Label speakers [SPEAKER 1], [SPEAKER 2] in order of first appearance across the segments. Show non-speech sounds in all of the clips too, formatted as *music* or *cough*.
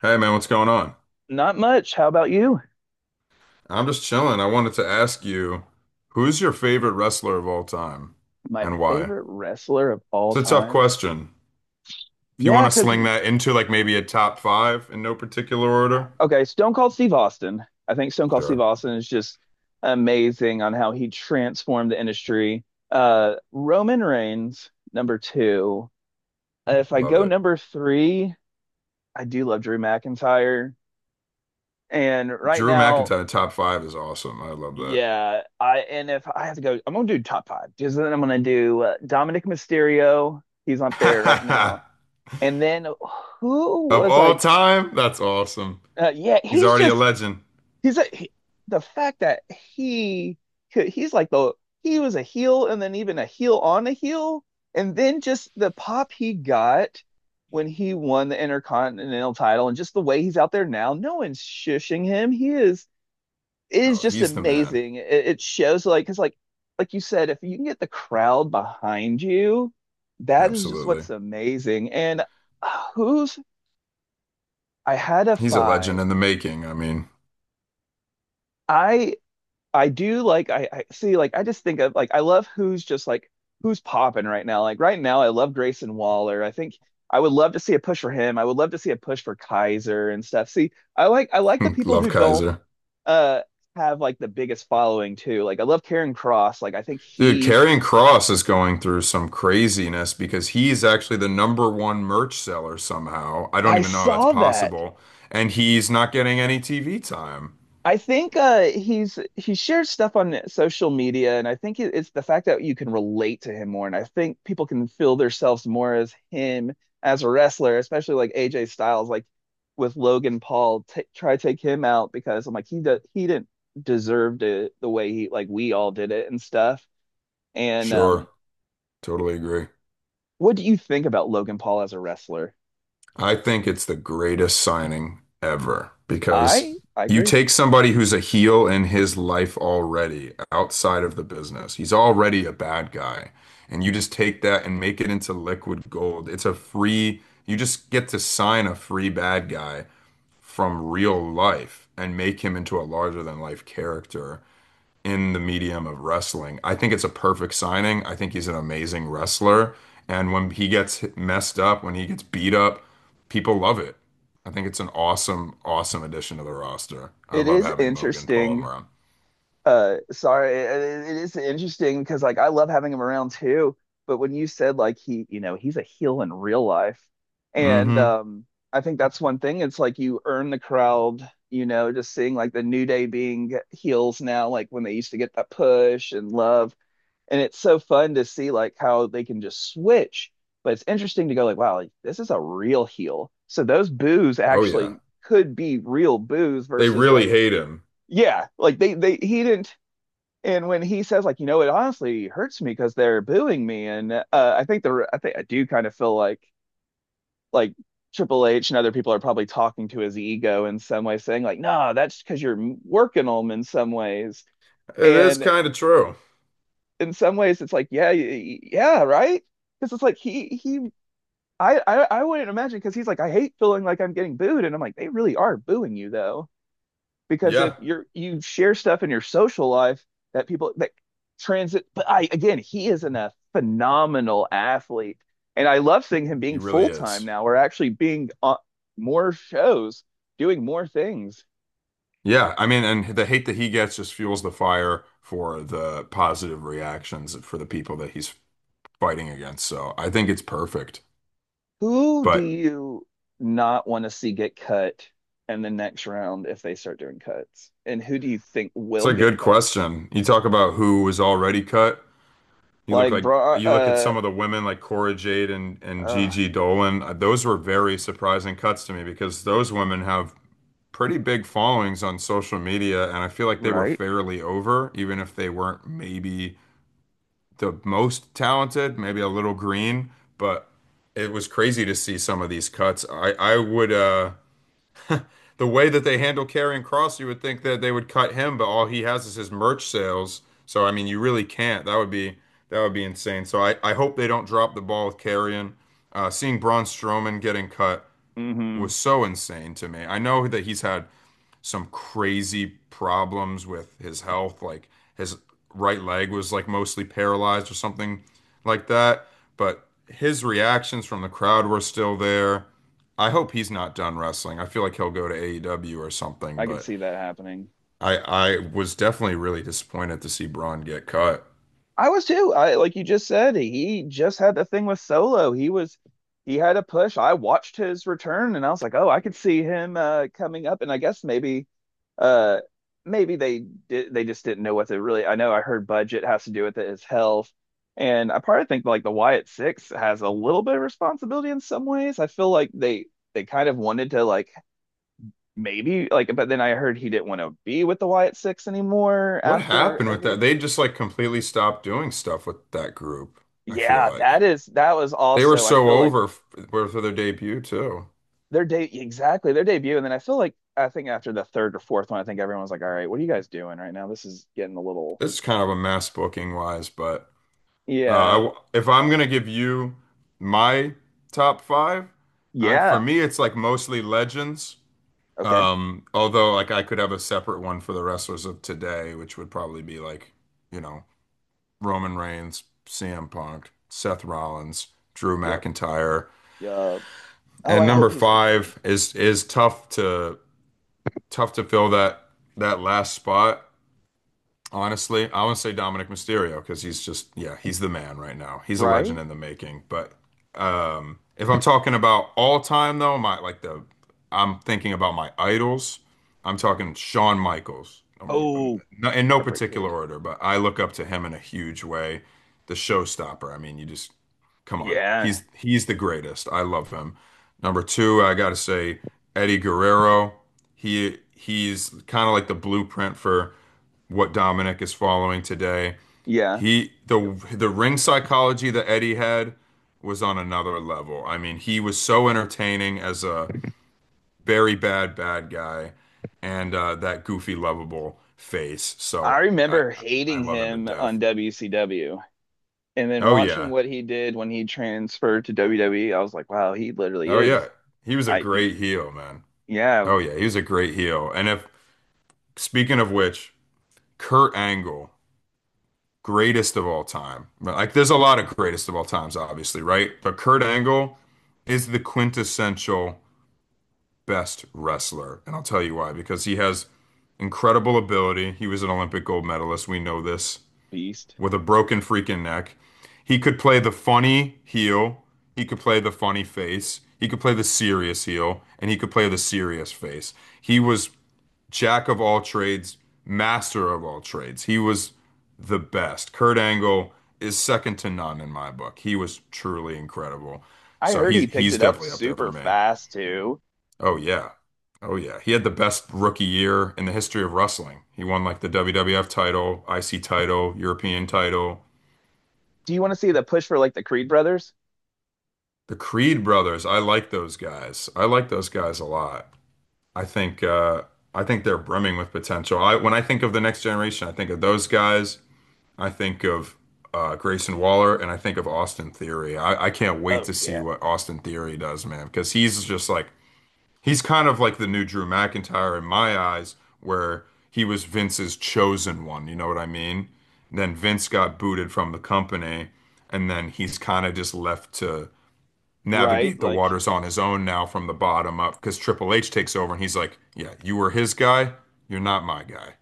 [SPEAKER 1] Hey man, what's going on?
[SPEAKER 2] Not much. How about you?
[SPEAKER 1] I'm just chilling. I wanted to ask you, who's your favorite wrestler of all time
[SPEAKER 2] My
[SPEAKER 1] and why?
[SPEAKER 2] favorite wrestler of all
[SPEAKER 1] It's a tough
[SPEAKER 2] time?
[SPEAKER 1] question. If you want
[SPEAKER 2] Yeah,
[SPEAKER 1] to
[SPEAKER 2] because
[SPEAKER 1] sling
[SPEAKER 2] you,
[SPEAKER 1] that into like maybe a top five in no particular order,
[SPEAKER 2] okay, Stone Cold Steve Austin. I think Stone Cold Steve
[SPEAKER 1] sure.
[SPEAKER 2] Austin is just amazing on how he transformed the industry. Roman Reigns, number two. If I
[SPEAKER 1] Love
[SPEAKER 2] go
[SPEAKER 1] it.
[SPEAKER 2] number three, I do love Drew McIntyre. And right
[SPEAKER 1] Drew
[SPEAKER 2] now,
[SPEAKER 1] McIntyre, top five is awesome. I love
[SPEAKER 2] yeah, I and if I have to go, I'm gonna do top five. Just then I'm gonna do Dominic Mysterio. He's up there right
[SPEAKER 1] that.
[SPEAKER 2] now.
[SPEAKER 1] *laughs*
[SPEAKER 2] And then who
[SPEAKER 1] Of
[SPEAKER 2] was
[SPEAKER 1] all
[SPEAKER 2] like,
[SPEAKER 1] time? That's awesome.
[SPEAKER 2] yeah,
[SPEAKER 1] He's already a legend.
[SPEAKER 2] he's a, he- the fact that he he's like the he was a heel and then even a heel on a heel, and then just the pop he got when he won the Intercontinental title and just the way he's out there now, no one's shushing him. He is it is
[SPEAKER 1] Oh,
[SPEAKER 2] just
[SPEAKER 1] he's the man.
[SPEAKER 2] amazing. It shows like because like you said, if you can get the crowd behind you, that is just
[SPEAKER 1] Absolutely.
[SPEAKER 2] what's amazing. And who's I had a
[SPEAKER 1] He's a legend
[SPEAKER 2] five.
[SPEAKER 1] in the making. I mean,
[SPEAKER 2] I I see I just think of I love who's popping right now. Like right now, I love Grayson Waller. I think I would love to see a push for him. I would love to see a push for Kaiser and stuff. See, I like the
[SPEAKER 1] *laughs*
[SPEAKER 2] people
[SPEAKER 1] love
[SPEAKER 2] who don't
[SPEAKER 1] Kaiser.
[SPEAKER 2] uh have like the biggest following too. Like I love Karen Cross.
[SPEAKER 1] Dude, Karrion Cross is going through some craziness because he's actually the number one merch seller somehow. I don't
[SPEAKER 2] I
[SPEAKER 1] even know how that's
[SPEAKER 2] saw that.
[SPEAKER 1] possible. And he's not getting any TV time.
[SPEAKER 2] I think he shares stuff on social media, and I think it's the fact that you can relate to him more, and I think people can feel themselves more as him as a wrestler, especially like AJ Styles, like with Logan Paul, t try to take him out because I'm like he didn't deserve it the way he like we all did it and stuff. And
[SPEAKER 1] Sure, totally agree.
[SPEAKER 2] What do you think about Logan Paul as a wrestler?
[SPEAKER 1] I think it's the greatest signing ever
[SPEAKER 2] I
[SPEAKER 1] because
[SPEAKER 2] I
[SPEAKER 1] you
[SPEAKER 2] agree.
[SPEAKER 1] take somebody who's a heel in his life already outside of the business. He's already a bad guy. And you just take that and make it into liquid gold. It's a free, you just get to sign a free bad guy from real life and make him into a larger than life character in the medium of wrestling. I think it's a perfect signing. I think he's an amazing wrestler. And when he gets messed up, when he gets beat up, people love it. I think it's an awesome, awesome addition to the roster. I
[SPEAKER 2] It
[SPEAKER 1] love
[SPEAKER 2] is
[SPEAKER 1] having Mogan Paul
[SPEAKER 2] interesting
[SPEAKER 1] around.
[SPEAKER 2] Uh, sorry, it, it is interesting because like I love having him around too. But when you said like you know, he's a heel in real life, and
[SPEAKER 1] Hmm.
[SPEAKER 2] I think that's one thing. It's like you earn the crowd, you know, just seeing like the New Day being heels now, like when they used to get that push and love, and it's so fun to see like how they can just switch. But it's interesting to go like, wow, like, this is a real heel. So those boos
[SPEAKER 1] Oh, yeah.
[SPEAKER 2] actually could be real boos
[SPEAKER 1] They
[SPEAKER 2] versus
[SPEAKER 1] really
[SPEAKER 2] like.
[SPEAKER 1] hate him.
[SPEAKER 2] Yeah, like they he didn't and when he says, like, you know, it honestly hurts me because they're booing me, and I think I do kind of feel like like Triple H and other people are probably talking to his ego in some way, saying like, no, that's because you're working them in some ways,
[SPEAKER 1] It is
[SPEAKER 2] and
[SPEAKER 1] kind of true.
[SPEAKER 2] in some ways it's like, yeah, yeah, right, because it's like I wouldn't imagine because he's like, I hate feeling like I'm getting booed, and I'm like, they really are booing you though. Because if
[SPEAKER 1] Yeah,
[SPEAKER 2] you're you share stuff in your social life that people that transit, but I again he is a phenomenal athlete, and I love seeing him
[SPEAKER 1] he
[SPEAKER 2] being full
[SPEAKER 1] really
[SPEAKER 2] time
[SPEAKER 1] is.
[SPEAKER 2] now or actually being on more shows doing more things.
[SPEAKER 1] Yeah, I mean, and the hate that he gets just fuels the fire for the positive reactions for the people that he's fighting against. So I think it's perfect.
[SPEAKER 2] Who do
[SPEAKER 1] But
[SPEAKER 2] you not want to see get cut in the next round if they start doing cuts, and who do you think
[SPEAKER 1] it's
[SPEAKER 2] will
[SPEAKER 1] a
[SPEAKER 2] get
[SPEAKER 1] good
[SPEAKER 2] cut?
[SPEAKER 1] question. You talk about who was already cut. You look
[SPEAKER 2] Like
[SPEAKER 1] like
[SPEAKER 2] bra
[SPEAKER 1] you look at some of the women like Cora Jade and
[SPEAKER 2] uh
[SPEAKER 1] Gigi Dolan. Those were very surprising cuts to me because those women have pretty big followings on social media, and I feel like they were
[SPEAKER 2] right.
[SPEAKER 1] fairly over, even if they weren't maybe the most talented, maybe a little green, but it was crazy to see some of these cuts. I would the way that they handle Karrion Cross, you would think that they would cut him, but all he has is his merch sales. So I mean, you really can't. That would be insane. So I hope they don't drop the ball with Karrion. Seeing Braun Strowman getting cut
[SPEAKER 2] Mm-hmm.
[SPEAKER 1] was so insane to me. I know that he's had some crazy problems with his health. Like his right leg was like mostly paralyzed or something like that. But his reactions from the crowd were still there. I hope he's not done wrestling. I feel like he'll go to AEW or something,
[SPEAKER 2] I can
[SPEAKER 1] but
[SPEAKER 2] see that happening.
[SPEAKER 1] I was definitely really disappointed to see Braun get cut.
[SPEAKER 2] I was too. I like you just said, he just had the thing with Solo. He had a push. I watched his return and I was like, "Oh, I could see him coming up." And I guess maybe uh maybe they just didn't know what to really. I know I heard budget has to do with it, his health. And I probably think like the Wyatt Six has a little bit of responsibility in some ways. I feel like they kind of wanted to like maybe like but then I heard he didn't want to be with the Wyatt Six anymore
[SPEAKER 1] What
[SPEAKER 2] after
[SPEAKER 1] happened with
[SPEAKER 2] every.
[SPEAKER 1] that? They just like completely stopped doing stuff with that group. I feel like
[SPEAKER 2] That was
[SPEAKER 1] they were
[SPEAKER 2] also I
[SPEAKER 1] so
[SPEAKER 2] feel like
[SPEAKER 1] over for their debut too.
[SPEAKER 2] their day exactly their debut, and then I feel like I think after the third or fourth one, I think everyone's like, "All right, what are you guys doing right now? This is getting a little.
[SPEAKER 1] This is kind of a mess booking wise. But I
[SPEAKER 2] Yeah,
[SPEAKER 1] w if I'm gonna give you my top five, for
[SPEAKER 2] yeah,
[SPEAKER 1] me it's like mostly legends.
[SPEAKER 2] okay,
[SPEAKER 1] Although like I could have a separate one for the wrestlers of today, which would probably be like, you know, Roman Reigns, CM Punk, Seth Rollins, Drew
[SPEAKER 2] yep,
[SPEAKER 1] McIntyre.
[SPEAKER 2] yep. Oh, I
[SPEAKER 1] And
[SPEAKER 2] hope
[SPEAKER 1] number
[SPEAKER 2] he's okay,
[SPEAKER 1] five is tough to fill that last spot. Honestly, I want to say Dominic Mysterio because he's just, yeah, he's the man right now. He's a legend
[SPEAKER 2] right?
[SPEAKER 1] in the making. But if I'm talking about all time though, my like the I'm thinking about my idols. I'm talking Shawn Michaels, number one,
[SPEAKER 2] Oh,
[SPEAKER 1] no, in no
[SPEAKER 2] Heartbreak
[SPEAKER 1] particular
[SPEAKER 2] Kid.
[SPEAKER 1] order, but I look up to him in a huge way. The showstopper. I mean, you just come on.
[SPEAKER 2] Yeah,
[SPEAKER 1] He's the greatest. I love him. Number two, I gotta say Eddie Guerrero. He's kind of like the blueprint for what Dominic is following today.
[SPEAKER 2] yeah,
[SPEAKER 1] He
[SPEAKER 2] yep.
[SPEAKER 1] the ring psychology that Eddie had was on another level. I mean, he was so entertaining as a very bad bad guy, and that goofy lovable face.
[SPEAKER 2] I
[SPEAKER 1] So I
[SPEAKER 2] remember
[SPEAKER 1] I
[SPEAKER 2] hating
[SPEAKER 1] love him to
[SPEAKER 2] him on
[SPEAKER 1] death.
[SPEAKER 2] WCW, and then
[SPEAKER 1] Oh
[SPEAKER 2] watching
[SPEAKER 1] yeah,
[SPEAKER 2] what he did when he transferred to WWE. I was like, "Wow, he literally
[SPEAKER 1] oh yeah.
[SPEAKER 2] is
[SPEAKER 1] He was a
[SPEAKER 2] I he,
[SPEAKER 1] great heel, man.
[SPEAKER 2] yeah,
[SPEAKER 1] Oh yeah, he was a great heel. And if speaking of which, Kurt Angle, greatest of all time. But, like, there's a lot of greatest of all times, obviously, right? But Kurt Angle is the quintessential best wrestler. And I'll tell you why, because he has incredible ability. He was an Olympic gold medalist. We know this
[SPEAKER 2] beast."
[SPEAKER 1] with a broken freaking neck. He could play the funny heel, he could play the funny face, he could play the serious heel, and he could play the serious face. He was jack of all trades, master of all trades. He was the best. Kurt Angle is second to none in my book. He was truly incredible.
[SPEAKER 2] I
[SPEAKER 1] So
[SPEAKER 2] heard
[SPEAKER 1] he's
[SPEAKER 2] he picked
[SPEAKER 1] he's
[SPEAKER 2] it up
[SPEAKER 1] definitely up there for
[SPEAKER 2] super
[SPEAKER 1] me.
[SPEAKER 2] fast too.
[SPEAKER 1] Oh yeah. Oh yeah. He had the best rookie year in the history of wrestling. He won like the WWF title, IC title, European title.
[SPEAKER 2] Do you want to see the push for like the Creed brothers?
[SPEAKER 1] The Creed brothers, I like those guys. I like those guys a lot. I think uh I think they're brimming with potential. I when I think of the next generation, I think of those guys. I think of Grayson Waller and I think of Austin Theory. I can't wait
[SPEAKER 2] Oh
[SPEAKER 1] to see
[SPEAKER 2] yeah,
[SPEAKER 1] what Austin Theory does, man, because he's kind of like the new Drew McIntyre in my eyes, where he was Vince's chosen one. You know what I mean? And then Vince got booted from the company, and then he's kind of just left to
[SPEAKER 2] right.
[SPEAKER 1] navigate the waters on his own now from the bottom up because Triple H takes over and he's like, "Yeah, you were his guy. You're not my guy.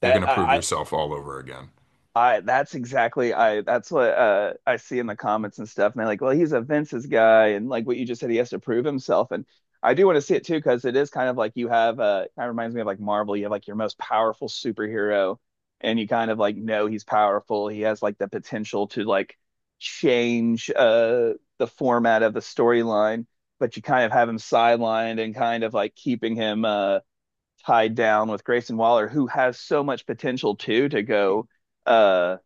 [SPEAKER 1] You're going
[SPEAKER 2] that.
[SPEAKER 1] to prove
[SPEAKER 2] I
[SPEAKER 1] yourself all over again."
[SPEAKER 2] that's exactly I that's what I see in the comments and stuff. And they're like, well, he's a Vince's guy, and like what you just said, he has to prove himself. And I do want to see it too, because it is kind of like you have kind of reminds me of like Marvel. You have like your most powerful superhero, and you kind of like know he's powerful. He has like the potential to like change the format of the storyline, but you kind of have him sidelined and kind of like keeping him tied down with Grayson Waller, who has so much potential too to go uh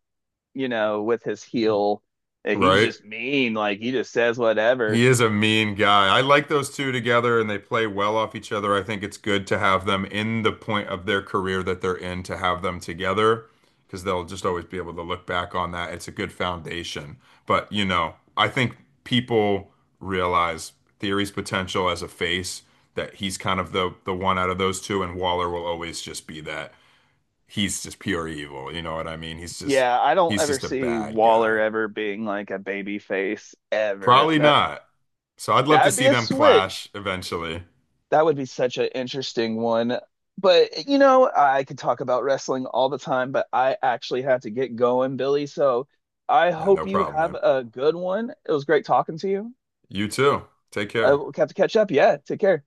[SPEAKER 2] you know, with his heel. He's
[SPEAKER 1] Right?
[SPEAKER 2] just mean, like he just says whatever.
[SPEAKER 1] He is a mean guy. I like those two together and they play well off each other. I think it's good to have them in the point of their career that they're in to have them together because they'll just always be able to look back on that. It's a good foundation. But, I think people realize Theory's potential as a face that he's kind of the one out of those two and Waller will always just be that. He's just pure evil, you know what I mean? He's just
[SPEAKER 2] Yeah, I don't
[SPEAKER 1] he's
[SPEAKER 2] ever
[SPEAKER 1] just a
[SPEAKER 2] see
[SPEAKER 1] bad
[SPEAKER 2] Waller
[SPEAKER 1] guy.
[SPEAKER 2] ever being like a baby face ever. If
[SPEAKER 1] Probably
[SPEAKER 2] that
[SPEAKER 1] not. So I'd love
[SPEAKER 2] That
[SPEAKER 1] to
[SPEAKER 2] would be
[SPEAKER 1] see
[SPEAKER 2] a
[SPEAKER 1] them
[SPEAKER 2] switch.
[SPEAKER 1] clash eventually.
[SPEAKER 2] That would be such an interesting one. But you know, I could talk about wrestling all the time, but I actually have to get going, Billy. So I
[SPEAKER 1] Yeah,
[SPEAKER 2] hope
[SPEAKER 1] no
[SPEAKER 2] you
[SPEAKER 1] problem,
[SPEAKER 2] have
[SPEAKER 1] man.
[SPEAKER 2] a good one. It was great talking to you.
[SPEAKER 1] You too. Take care.
[SPEAKER 2] We'll have to catch up. Yeah, take care.